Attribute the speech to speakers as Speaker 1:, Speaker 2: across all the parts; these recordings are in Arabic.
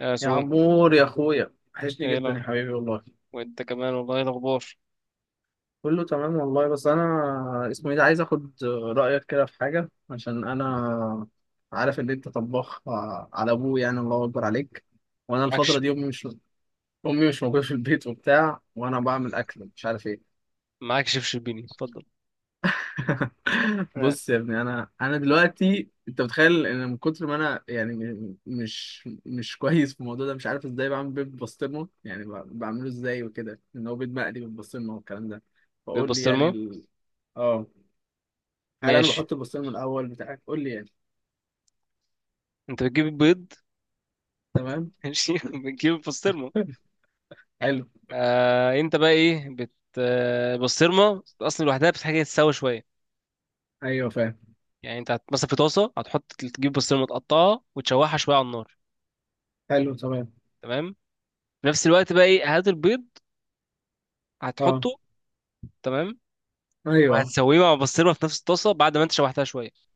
Speaker 1: يا
Speaker 2: يا
Speaker 1: سوم،
Speaker 2: عمور يا اخويا، وحشني
Speaker 1: ايه
Speaker 2: جدا
Speaker 1: لو؟
Speaker 2: يا حبيبي والله.
Speaker 1: وانت كمان والله، ايه الاخبار؟
Speaker 2: كله تمام والله، بس انا اسمه ايه ده عايز اخد رايك كده في حاجه، عشان انا عارف ان انت طباخ. على ابوه يعني، الله اكبر عليك. وانا الفتره
Speaker 1: معكش.
Speaker 2: دي امي مش موجوده في البيت وبتاع، وانا بعمل اكل مش عارف ايه.
Speaker 1: معاك شيف شربيني، اتفضل. آه،
Speaker 2: بص يا ابني، انا دلوقتي، انت متخيل ان من كتر ما انا يعني مش كويس في الموضوع ده، مش عارف ازاي بعمل بيض بسطرمه، يعني بعمله ازاي وكده، ان هو بيض مقلي بالبسطرمه والكلام ده.
Speaker 1: بيض
Speaker 2: فقول لي يعني
Speaker 1: بسطرمه.
Speaker 2: اه. هل انا
Speaker 1: ماشي،
Speaker 2: بحط البسطرمه الاول؟ بتاعك قول لي يعني.
Speaker 1: انت بتجيب البيض.
Speaker 2: تمام.
Speaker 1: ماشي، بتجيب البسطرمه.
Speaker 2: حلو.
Speaker 1: آه، انت بقى ايه البسطرمه اصلا لوحدها بتحتاج تتسوى شويه.
Speaker 2: ايوه فاهم.
Speaker 1: يعني انت مثلا في طاسه، هتحط تجيب بسطرمه تقطعها وتشوحها شويه على النار.
Speaker 2: حلو تمام.
Speaker 1: تمام. في نفس الوقت بقى ايه، هات البيض،
Speaker 2: اه.
Speaker 1: هتحطه. تمام.
Speaker 2: ايوه.
Speaker 1: وهتسويه مع البسطرمه في نفس الطاسه بعد ما انت شوحتها شويه.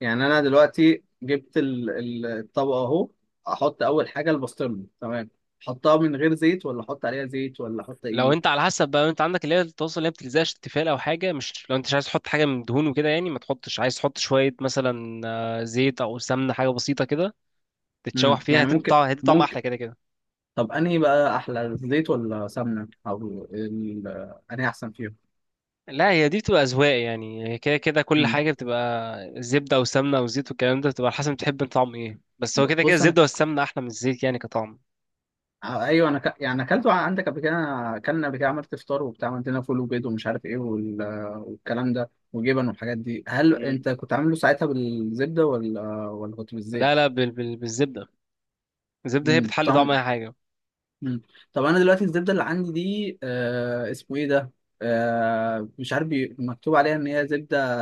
Speaker 2: يعني انا دلوقتي جبت الطبقه اهو. احط اول حاجه البسطرمه تمام، احطها من غير زيت ولا احط عليها زيت ولا احط
Speaker 1: لو
Speaker 2: ايه؟
Speaker 1: انت على حسب بقى، انت عندك اللي هي الطاسه اللي هي بتلزقش، التيفال او حاجه، مش لو انت مش عايز تحط حاجه من دهون وكده يعني ما تحطش. عايز تحط شويه مثلا زيت او سمنه، حاجه بسيطه كده تتشوح فيها،
Speaker 2: يعني
Speaker 1: هتدي
Speaker 2: ممكن
Speaker 1: طعم، هتدي طعم
Speaker 2: ممكن.
Speaker 1: احلى كده كده.
Speaker 2: طب انهي بقى احلى، الزيت ولا سمنه انهي احسن فيهم؟
Speaker 1: لا، هي دي بتبقى اذواق يعني، هي كده كده كل
Speaker 2: امم.
Speaker 1: حاجه بتبقى زبده او سمنه او زيت والكلام ده، بتبقى على حسب بتحب انت طعم ايه، بس هو
Speaker 2: ب-
Speaker 1: كده كده
Speaker 2: بص انا،
Speaker 1: الزبده والسمنه احلى من الزيت يعني كطعم.
Speaker 2: ايوه انا يعني اكلته عندك قبل كده، أنا اكلنا قبل كده، عملت فطار وبتاع، عملت لنا فول وبيض ومش عارف ايه والكلام ده وجبن والحاجات دي. هل
Speaker 1: مم.
Speaker 2: انت كنت عامله ساعتها بالزبده ولا كنت
Speaker 1: لا
Speaker 2: بالزيت؟
Speaker 1: لا، بالزبده. الزبده هي
Speaker 2: امم.
Speaker 1: بتحلي
Speaker 2: طعم.
Speaker 1: طعم اي حاجه.
Speaker 2: مم. طب انا دلوقتي الزبده اللي عندي دي اسمه ايه ده، مش عارف مكتوب عليها ان هي زبده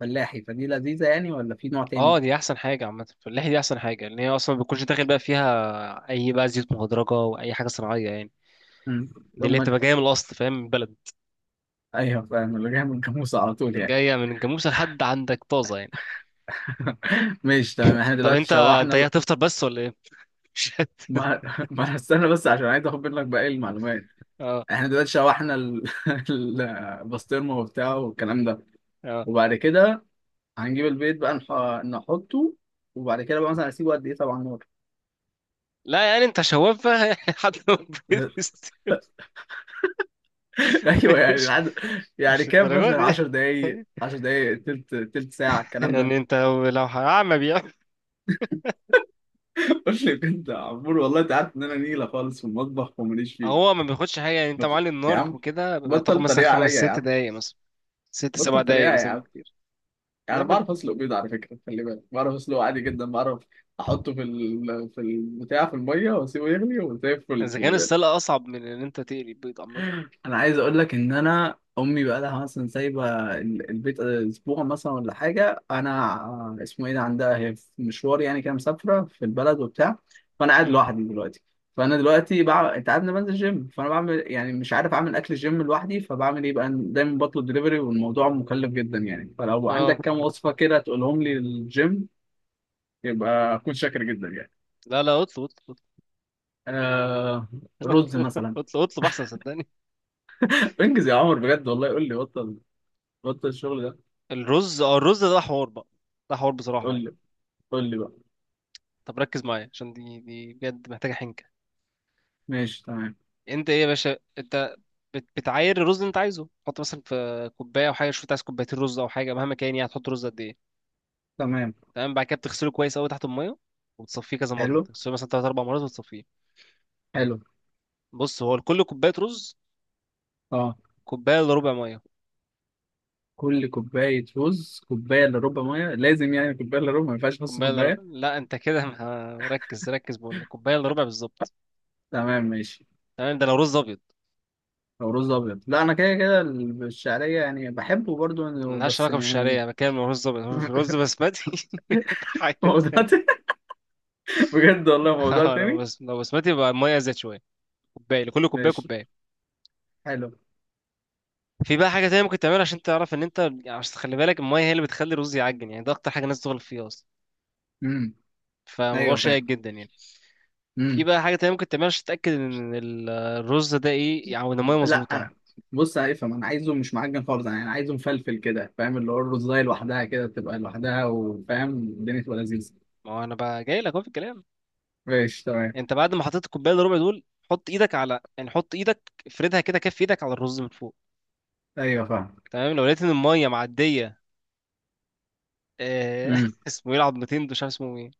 Speaker 2: فلاحي، فدي لذيذه يعني ولا في نوع
Speaker 1: اه،
Speaker 2: تاني؟
Speaker 1: دي احسن حاجه عامه، في اللحيه دي احسن حاجه، لان هي اصلا ما بتكونش داخل بقى فيها اي بقى زيوت مهدرجه واي حاجه صناعيه يعني.
Speaker 2: مم.
Speaker 1: دي اللي هي
Speaker 2: ثم.
Speaker 1: بتبقى جايه من الاصل، فاهم، من البلد.
Speaker 2: ايوه فاهم، اللي جاي من الجاموسه على طول يعني.
Speaker 1: جايه من الجاموسه لحد عندك طازه يعني.
Speaker 2: ماشي تمام، احنا
Speaker 1: طب
Speaker 2: دلوقتي
Speaker 1: انت انت
Speaker 2: شوحنا
Speaker 1: ايه، هتفطر بس ولا ايه؟ مش هت-
Speaker 2: ما... ما أنا استنى بس عشان عايز اخد منك باقي المعلومات.
Speaker 1: اه،
Speaker 2: احنا دلوقتي شوحنا البسطرمه وبتاعه والكلام ده،
Speaker 1: اه.
Speaker 2: وبعد كده هنجيب البيض بقى نحطه. وبعد كده بقى مثلا اسيبه قد ايه طبعا؟
Speaker 1: لا يعني انت شواف بقى، يعني، حد ما
Speaker 2: نار.
Speaker 1: تبيضش.
Speaker 2: ايوه يعني
Speaker 1: مش
Speaker 2: يعني
Speaker 1: مش
Speaker 2: كام،
Speaker 1: الدرجه
Speaker 2: مثلا
Speaker 1: دي.
Speaker 2: 10 دقايق، 10 دقايق، تلت ساعه، الكلام ده؟
Speaker 1: يعني انت لو هعمى بيعمل.
Speaker 2: قلت لي كنت يا عمور والله، انت عارف ان انا نيله خالص في المطبخ وماليش
Speaker 1: هو
Speaker 2: فيه.
Speaker 1: ما بياخدش حاجه يعني، انت
Speaker 2: قلت
Speaker 1: معلي
Speaker 2: يا
Speaker 1: النار
Speaker 2: عم،
Speaker 1: وكده هتاخد
Speaker 2: بطل
Speaker 1: مثلا
Speaker 2: طريقه عليا
Speaker 1: خمس
Speaker 2: يا
Speaker 1: ست
Speaker 2: عم.
Speaker 1: دقايق مثلا، ست سبع
Speaker 2: بطل
Speaker 1: دقايق
Speaker 2: طريقه يا
Speaker 1: مثلا
Speaker 2: عم.
Speaker 1: بكتير. لا،
Speaker 2: يعني بعرف اسلق بيض على فكره، خلي بالك، بعرف اسلقه عادي جدا، بعرف احطه في البتاع في الميه، واسيبه يغلي وزي الفل،
Speaker 1: اذا
Speaker 2: خلي
Speaker 1: كان السلق
Speaker 2: بالك.
Speaker 1: اصعب من ان انت تقلي البيض عامه.
Speaker 2: انا عايز اقول لك ان انا امي بقى لها مثلا سايبه البيت اسبوع مثلا ولا حاجه، انا اسمه ايه ده، عندها هي في مشوار يعني كده، مسافره في البلد وبتاع، فانا قاعد
Speaker 1: امم.
Speaker 2: لوحدي دلوقتي. فانا دلوقتي بقى، انت عارف إن أنا بنزل جيم، فانا بعمل، يعني مش عارف اعمل اكل الجيم لوحدي، فبعمل ايه بقى، دايما بطلب دليفري والموضوع مكلف جدا يعني، فلو
Speaker 1: اه.
Speaker 2: عندك كام وصفه كده تقولهم لي للجيم يبقى اكون شاكر جدا يعني.
Speaker 1: لا لا، اطلب، اطلب
Speaker 2: آه.
Speaker 1: اطلب،
Speaker 2: رز مثلا.
Speaker 1: اطلب اطلب احسن، صدقني.
Speaker 2: انجز يا عمر بجد والله، قول لي، بطل بطل الشغل ده.
Speaker 1: الرز، اه، الرز ده حوار بقى، ده حوار بصراحه
Speaker 2: قول
Speaker 1: يعني.
Speaker 2: لي، قول لي بقى.
Speaker 1: طب ركز معايا عشان دي دي بجد محتاجه حنكه.
Speaker 2: ماشي تمام.
Speaker 1: انت ايه يا باشا، انت بتعاير الرز اللي انت عايزه، تحط مثلا في كوبايه او حاجه، شوف انت عايز 2 كوباية رز او حاجه مهما كان يعني، هتحط رز قد ايه.
Speaker 2: تمام.
Speaker 1: تمام، بعد كده بتغسله كويس قوي تحت الميه وتصفيه كذا مره،
Speaker 2: حلو.
Speaker 1: تغسله مثلا 3 4 مرات وتصفيه.
Speaker 2: حلو.
Speaker 1: بص، هو لكل كوبايه رز
Speaker 2: اه.
Speaker 1: كوبايه الا ربع ميه.
Speaker 2: كل كوباية رز كوباية إلا ربع مية، لازم يعني كوباية إلا ربع، ما ينفعش نص
Speaker 1: كوبايه الا ربع،
Speaker 2: كوباية؟
Speaker 1: لا انت كده ركز ركز، بقول لك كوبايه الا ربع بالظبط.
Speaker 2: تمام ماشي.
Speaker 1: تمام، ده لو رز ابيض.
Speaker 2: أو رز أبيض، لا أنا كده كده الشعرية يعني بحبه برضو.
Speaker 1: ملهاش
Speaker 2: بس
Speaker 1: علاقه بالشعريه،
Speaker 2: يعني.
Speaker 1: انا بتكلم لو رز ابيض، في رز بسمتي. حاجه
Speaker 2: موضوع
Speaker 1: تانية.
Speaker 2: تاني. بجد والله موضوع
Speaker 1: اه، لو
Speaker 2: تاني.
Speaker 1: بس لو بسمتي، يبقى الميه زاد شويه، كوبايه لكل كوبايه
Speaker 2: ماشي.
Speaker 1: كوبايه.
Speaker 2: حلو.
Speaker 1: في بقى حاجه تانية ممكن تعملها عشان تعرف ان انت يعني، عشان تخلي بالك الميه هي اللي بتخلي الرز يعجن يعني، ده اكتر حاجه الناس تغلط فيه اصلا.
Speaker 2: امم.
Speaker 1: فموضوع
Speaker 2: أيوه
Speaker 1: شائك
Speaker 2: فاهم.
Speaker 1: جدا يعني. في
Speaker 2: امم.
Speaker 1: بقى حاجه تانية ممكن تعملها عشان تتاكد ان الرز ده ايه يعني، ان الميه
Speaker 2: لا،
Speaker 1: مظبوطه.
Speaker 2: بص أنا افهم، أنا عايزه مش معجن خالص، أنا عايزه مفلفل كده فاهم، اللي هو الرزاية لوحدها كده تبقى لوحدها، وفاهم الدنيا تبقى لذيذة.
Speaker 1: ما هو انا بقى جاي لك اهو في الكلام.
Speaker 2: ماشي تمام.
Speaker 1: انت بعد ما حطيت الكوبايه الربع دول، حط ايدك على، يعني حط ايدك افردها كده، كف ايدك على الرز من فوق.
Speaker 2: أيوه فاهم.
Speaker 1: تمام، لو لقيت ان الميه معديه
Speaker 2: امم.
Speaker 1: اسمه ايه العظمتين دول، مش عارف اسمه ايه،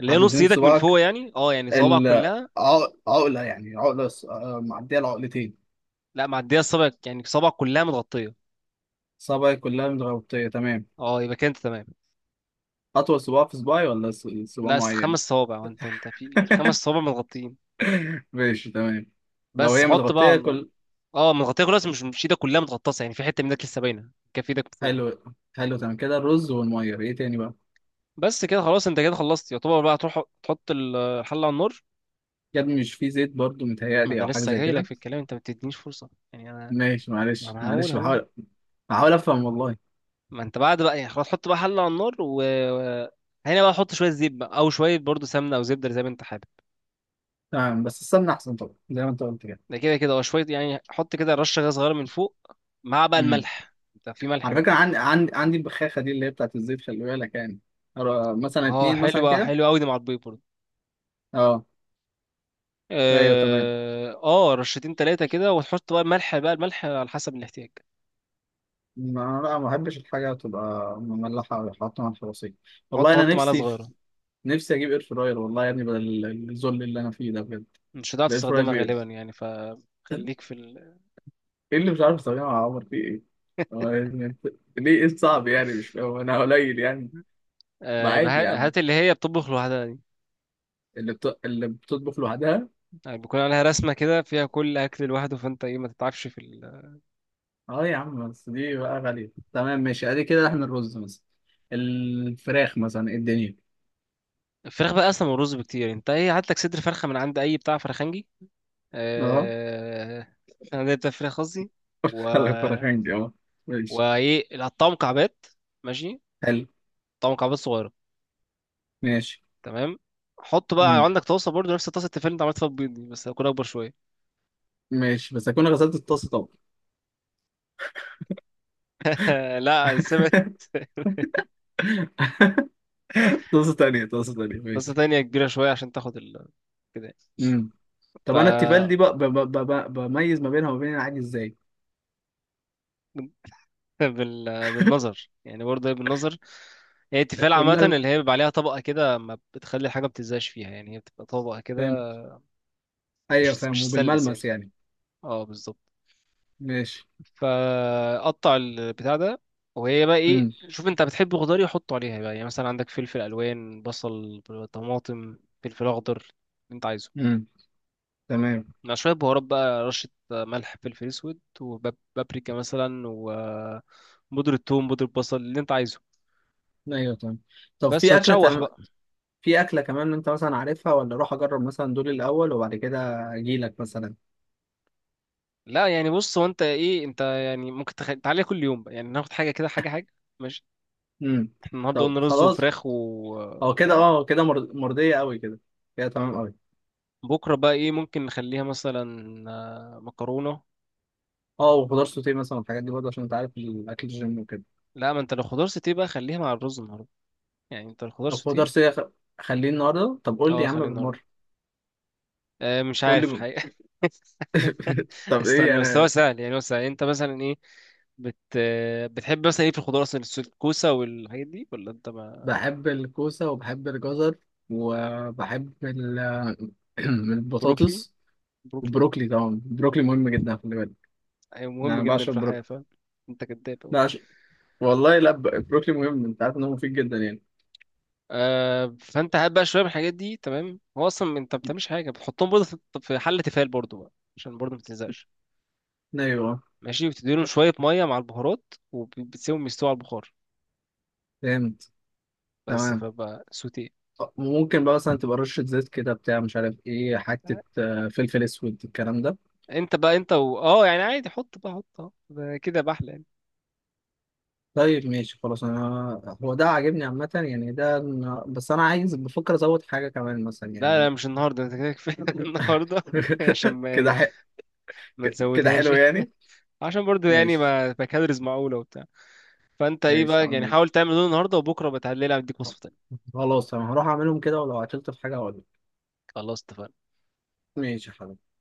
Speaker 1: اللي هي نص
Speaker 2: عظمتين
Speaker 1: ايدك من
Speaker 2: صباعك،
Speaker 1: فوق يعني، اه يعني صوابعك كلها.
Speaker 2: العقلة يعني، عقلة معدية العقلتين.
Speaker 1: لا، معديه الصابع يعني، صوابعك كلها متغطيه.
Speaker 2: صبعي كلها متغطية تمام.
Speaker 1: اه، يبقى كده انت تمام.
Speaker 2: أطول صباع في صباعي ولا صباع
Speaker 1: لا اصل خمس
Speaker 2: معين؟
Speaker 1: صوابع وانت انت في الخمس صوابع متغطيين.
Speaker 2: ماشي تمام. لو
Speaker 1: بس
Speaker 2: هي
Speaker 1: حط بقى على
Speaker 2: متغطية
Speaker 1: النار.
Speaker 2: كل.
Speaker 1: اه، متغطيه كلها بس مش، مش ايدك كلها متغطاسه يعني، في حته منك لسه باينه، كف ايدك من فوق.
Speaker 2: حلو. حلو تمام كده. الرز والمية، إيه تاني بقى؟
Speaker 1: بس كده خلاص، انت كده خلصت يعتبر بقى، تروح تحط الحله على النار.
Speaker 2: كده مش فيه زيت برضو
Speaker 1: ما
Speaker 2: متهيألي،
Speaker 1: انا
Speaker 2: أو حاجة
Speaker 1: لسه
Speaker 2: زي
Speaker 1: جاي لك
Speaker 2: كده؟
Speaker 1: في الكلام، انت ما بتدينيش فرصه يعني انا.
Speaker 2: ماشي.
Speaker 1: ما
Speaker 2: معلش
Speaker 1: انا هقول
Speaker 2: معلش،
Speaker 1: اهو.
Speaker 2: بحاول، بحاول أفهم والله.
Speaker 1: ما انت بعد بقى يعني خلاص حط بقى حله على النار و هنا بقى حط شويه زيت بقى او شويه برضو سمنه او زبده، زي ما انت حابب.
Speaker 2: تمام، بس السمنة أحسن طبعا زي ما أنت قلت كده.
Speaker 1: ده كده كده، وشويه يعني حط كده رشه غاز صغيره من فوق، مع بقى الملح. انت في ملح
Speaker 2: على
Speaker 1: بقى؟
Speaker 2: فكرة عندي البخاخة دي اللي هي بتاعت الزيت، خلي بالك يعني، أرى مثلا
Speaker 1: اه
Speaker 2: اتنين
Speaker 1: حلو
Speaker 2: مثلا
Speaker 1: بقى،
Speaker 2: كده.
Speaker 1: حلو قوي دي مع البيض برضو.
Speaker 2: اه. ايوه تمام.
Speaker 1: اه، رشتين ثلاثه كده، وتحط بقى الملح بقى، الملح على حسب الاحتياج.
Speaker 2: ما أنا لا، ما بحبش الحاجة تبقى مملحة أو حاطة على الفرصية.
Speaker 1: حط
Speaker 2: والله أنا
Speaker 1: حط معلقه
Speaker 2: نفسي
Speaker 1: صغيره.
Speaker 2: نفسي أجيب إير فراير والله يا ابني، بدل الذل اللي أنا فيه ده بجد.
Speaker 1: مش هتعرف
Speaker 2: الإير فراير
Speaker 1: تستخدمها
Speaker 2: بي-
Speaker 1: غالبا يعني، فخليك في
Speaker 2: إيه اللي مش عارف أستخدمه يا عمر، فيه إيه؟ هو يعني أنت- ليه، إيه الصعب يعني، مش فاهم، أنا قليل يعني؟ ما عادي يا عم،
Speaker 1: هات اللي هي بتطبخ لوحدها.
Speaker 2: اللي بتطبخ لوحدها.
Speaker 1: يعني بيكون عليها رسمة كده فيها كل أكل لوحده، فأنت إيه ما تتعبش في
Speaker 2: اه يا عم، بس دي بقى غالية. تمام ماشي، ادي كده احنا الرز مثلا، الفراخ مثلا، إيه الدنيا؟
Speaker 1: الفراخ بقى أصلا من الرز بكتير يعني. أنت إيه هات لك صدر فرخة من عند أي بتاع فرخنجي.
Speaker 2: اه.
Speaker 1: آه... أنا بتاع فراخ قصدي، و...
Speaker 2: الفراخين دي اه. ماشي.
Speaker 1: وإيه، هتقطعه مكعبات. ماشي.
Speaker 2: حلو.
Speaker 1: قطعه مكعبات صغيرة.
Speaker 2: ماشي.
Speaker 1: تمام. حط بقى
Speaker 2: مم.
Speaker 1: عندك طاسة برضو نفس طاسة التيفال اللي أنت عملت فيها البيض دي، بس هتكون أكبر شوية.
Speaker 2: ماشي بس اكون غسلت الطاسة طبعا.
Speaker 1: لا، سمعت.
Speaker 2: طاسة تانية، طاسة تانية،
Speaker 1: طاسة
Speaker 2: ماشي.
Speaker 1: تانية كبيرة شوية عشان تاخد كده.
Speaker 2: مم.
Speaker 1: ف
Speaker 2: طب انا التيفال دي بقى بميز ما بينها وما بين العادي ازاي؟
Speaker 1: بال... بالنظر يعني، برضه هي بالنظر. هي التفال عامة اللي هي
Speaker 2: والملمس،
Speaker 1: بيبقى عليها طبقة كده ما بتخلي الحاجة ما بتلزقش فيها يعني، هي بتبقى طبقة
Speaker 2: فاهم.
Speaker 1: كده.
Speaker 2: ايوه
Speaker 1: مش
Speaker 2: فاهم،
Speaker 1: مش ستانلس يعني.
Speaker 2: وبالملمس يعني.
Speaker 1: اه، بالظبط.
Speaker 2: ماشي.
Speaker 1: فقطع البتاع ده، وهي بقى ايه،
Speaker 2: مم.
Speaker 1: شوف انت بتحب خضار إيه حطه عليها بقى، يعني مثلا عندك فلفل الوان، بصل، طماطم، فلفل اخضر، اللي انت عايزه،
Speaker 2: مم. تمام.
Speaker 1: مع شويه بهارات بقى، رشه ملح، فلفل اسود وبابريكا مثلا، وبودرة ثوم، بودرة بصل، اللي انت عايزه.
Speaker 2: ايوه تمام. طب
Speaker 1: بس
Speaker 2: في
Speaker 1: وتشوح
Speaker 2: اكله،
Speaker 1: بقى.
Speaker 2: في أكلة كمان أنت مثلا عارفها، ولا أروح أجرب مثلا دول الأول وبعد كده أجيلك مثلا؟
Speaker 1: لا يعني بص، هو انت ايه، انت يعني ممكن تعالى كل يوم بقى يعني، ناخد حاجه كده، حاجه حاجه. ماشي.
Speaker 2: امم.
Speaker 1: احنا النهارده
Speaker 2: طب
Speaker 1: قلنا رز
Speaker 2: خلاص،
Speaker 1: وفراخ
Speaker 2: هو كده.
Speaker 1: وبتاع.
Speaker 2: كده مرضية أوي كده. كده تمام أوي.
Speaker 1: بكره بقى ايه، ممكن نخليها مثلا مكرونه.
Speaker 2: أه وخضار سوتيه مثلا والحاجات دي برضه، عشان أنت عارف الأكل الجيم وكده.
Speaker 1: لا، ما انت لو خضار سوتيه بقى خليها مع الرز النهارده. يعني انت الخضار
Speaker 2: لو خضار
Speaker 1: سوتيه،
Speaker 2: سوتيه خليه النهاردة، طب قول لي
Speaker 1: اه
Speaker 2: يا عم
Speaker 1: خليه النهارده.
Speaker 2: بالمرة،
Speaker 1: آه، مش
Speaker 2: قول لي
Speaker 1: عارف
Speaker 2: ب-
Speaker 1: الحقيقه.
Speaker 2: طب إيه
Speaker 1: استنى بس، هو
Speaker 2: أنا.
Speaker 1: سهل يعني، هو سهل. انت مثلا ايه بت... آه، بتحب مثلا ايه في الخضار اصلا، الكوسه والحاجات دي ولا انت ما،
Speaker 2: بحب الكوسة وبحب الجزر وبحب
Speaker 1: بروكلي،
Speaker 2: البطاطس.
Speaker 1: بروكلي.
Speaker 2: والبروكلي طبعا، البروكلي مهم جدا خلي بالك
Speaker 1: ايوه
Speaker 2: يعني،
Speaker 1: مهم
Speaker 2: أنا
Speaker 1: جدا
Speaker 2: بعشق
Speaker 1: في الحياه،
Speaker 2: البروكلي.
Speaker 1: فاهم. انت كداب.
Speaker 2: لا، والله لا. بروكلي مهم، انت عارف ان هو مفيد جدا يعني.
Speaker 1: آه، فانت هات بقى شويه من الحاجات دي، تمام. هو اصلا انت ما بتعملش حاجه، بتحطهم برضه في حله تيفال برضه بقى، عشان برضه ما تلزقش.
Speaker 2: ايوه
Speaker 1: ماشي، بتديلهم شويه ميه مع البهارات وبتسيبهم يستووا على البخار،
Speaker 2: فهمت.
Speaker 1: بس،
Speaker 2: تمام،
Speaker 1: فبقى سوتيه.
Speaker 2: ممكن بقى مثلا تبقى رشة زيت كده بتاع، مش عارف ايه، حتة فلفل اسود الكلام ده.
Speaker 1: انت بقى انت اه يعني عادي حط بقى، حط، اه، ده كده بحلى يعني.
Speaker 2: طيب ماشي خلاص، انا هو ده عاجبني عامة يعني، ده بس انا عايز، بفكر ازود حاجة كمان مثلا
Speaker 1: لا
Speaker 2: يعني.
Speaker 1: لا، مش النهارده، انت كده كفايه النهارده. عشان ما
Speaker 2: كده
Speaker 1: يعني ما
Speaker 2: كده
Speaker 1: تزودهاش.
Speaker 2: حلو يعني.
Speaker 1: عشان برضه يعني
Speaker 2: ماشي.
Speaker 1: ما تبقى كالوريز معقوله وبتاع. فانت ايه
Speaker 2: ماشي يا
Speaker 1: بقى
Speaker 2: عم
Speaker 1: يعني،
Speaker 2: ممكن.
Speaker 1: حاول تعمل دول النهارده، وبكره بتعللها اديك وصفه تانيه.
Speaker 2: خلاص انا هروح اعملهم كده، ولو عطلت في حاجة هقول لك.
Speaker 1: خلاص اتفقنا.
Speaker 2: ماشي يا حبيبي.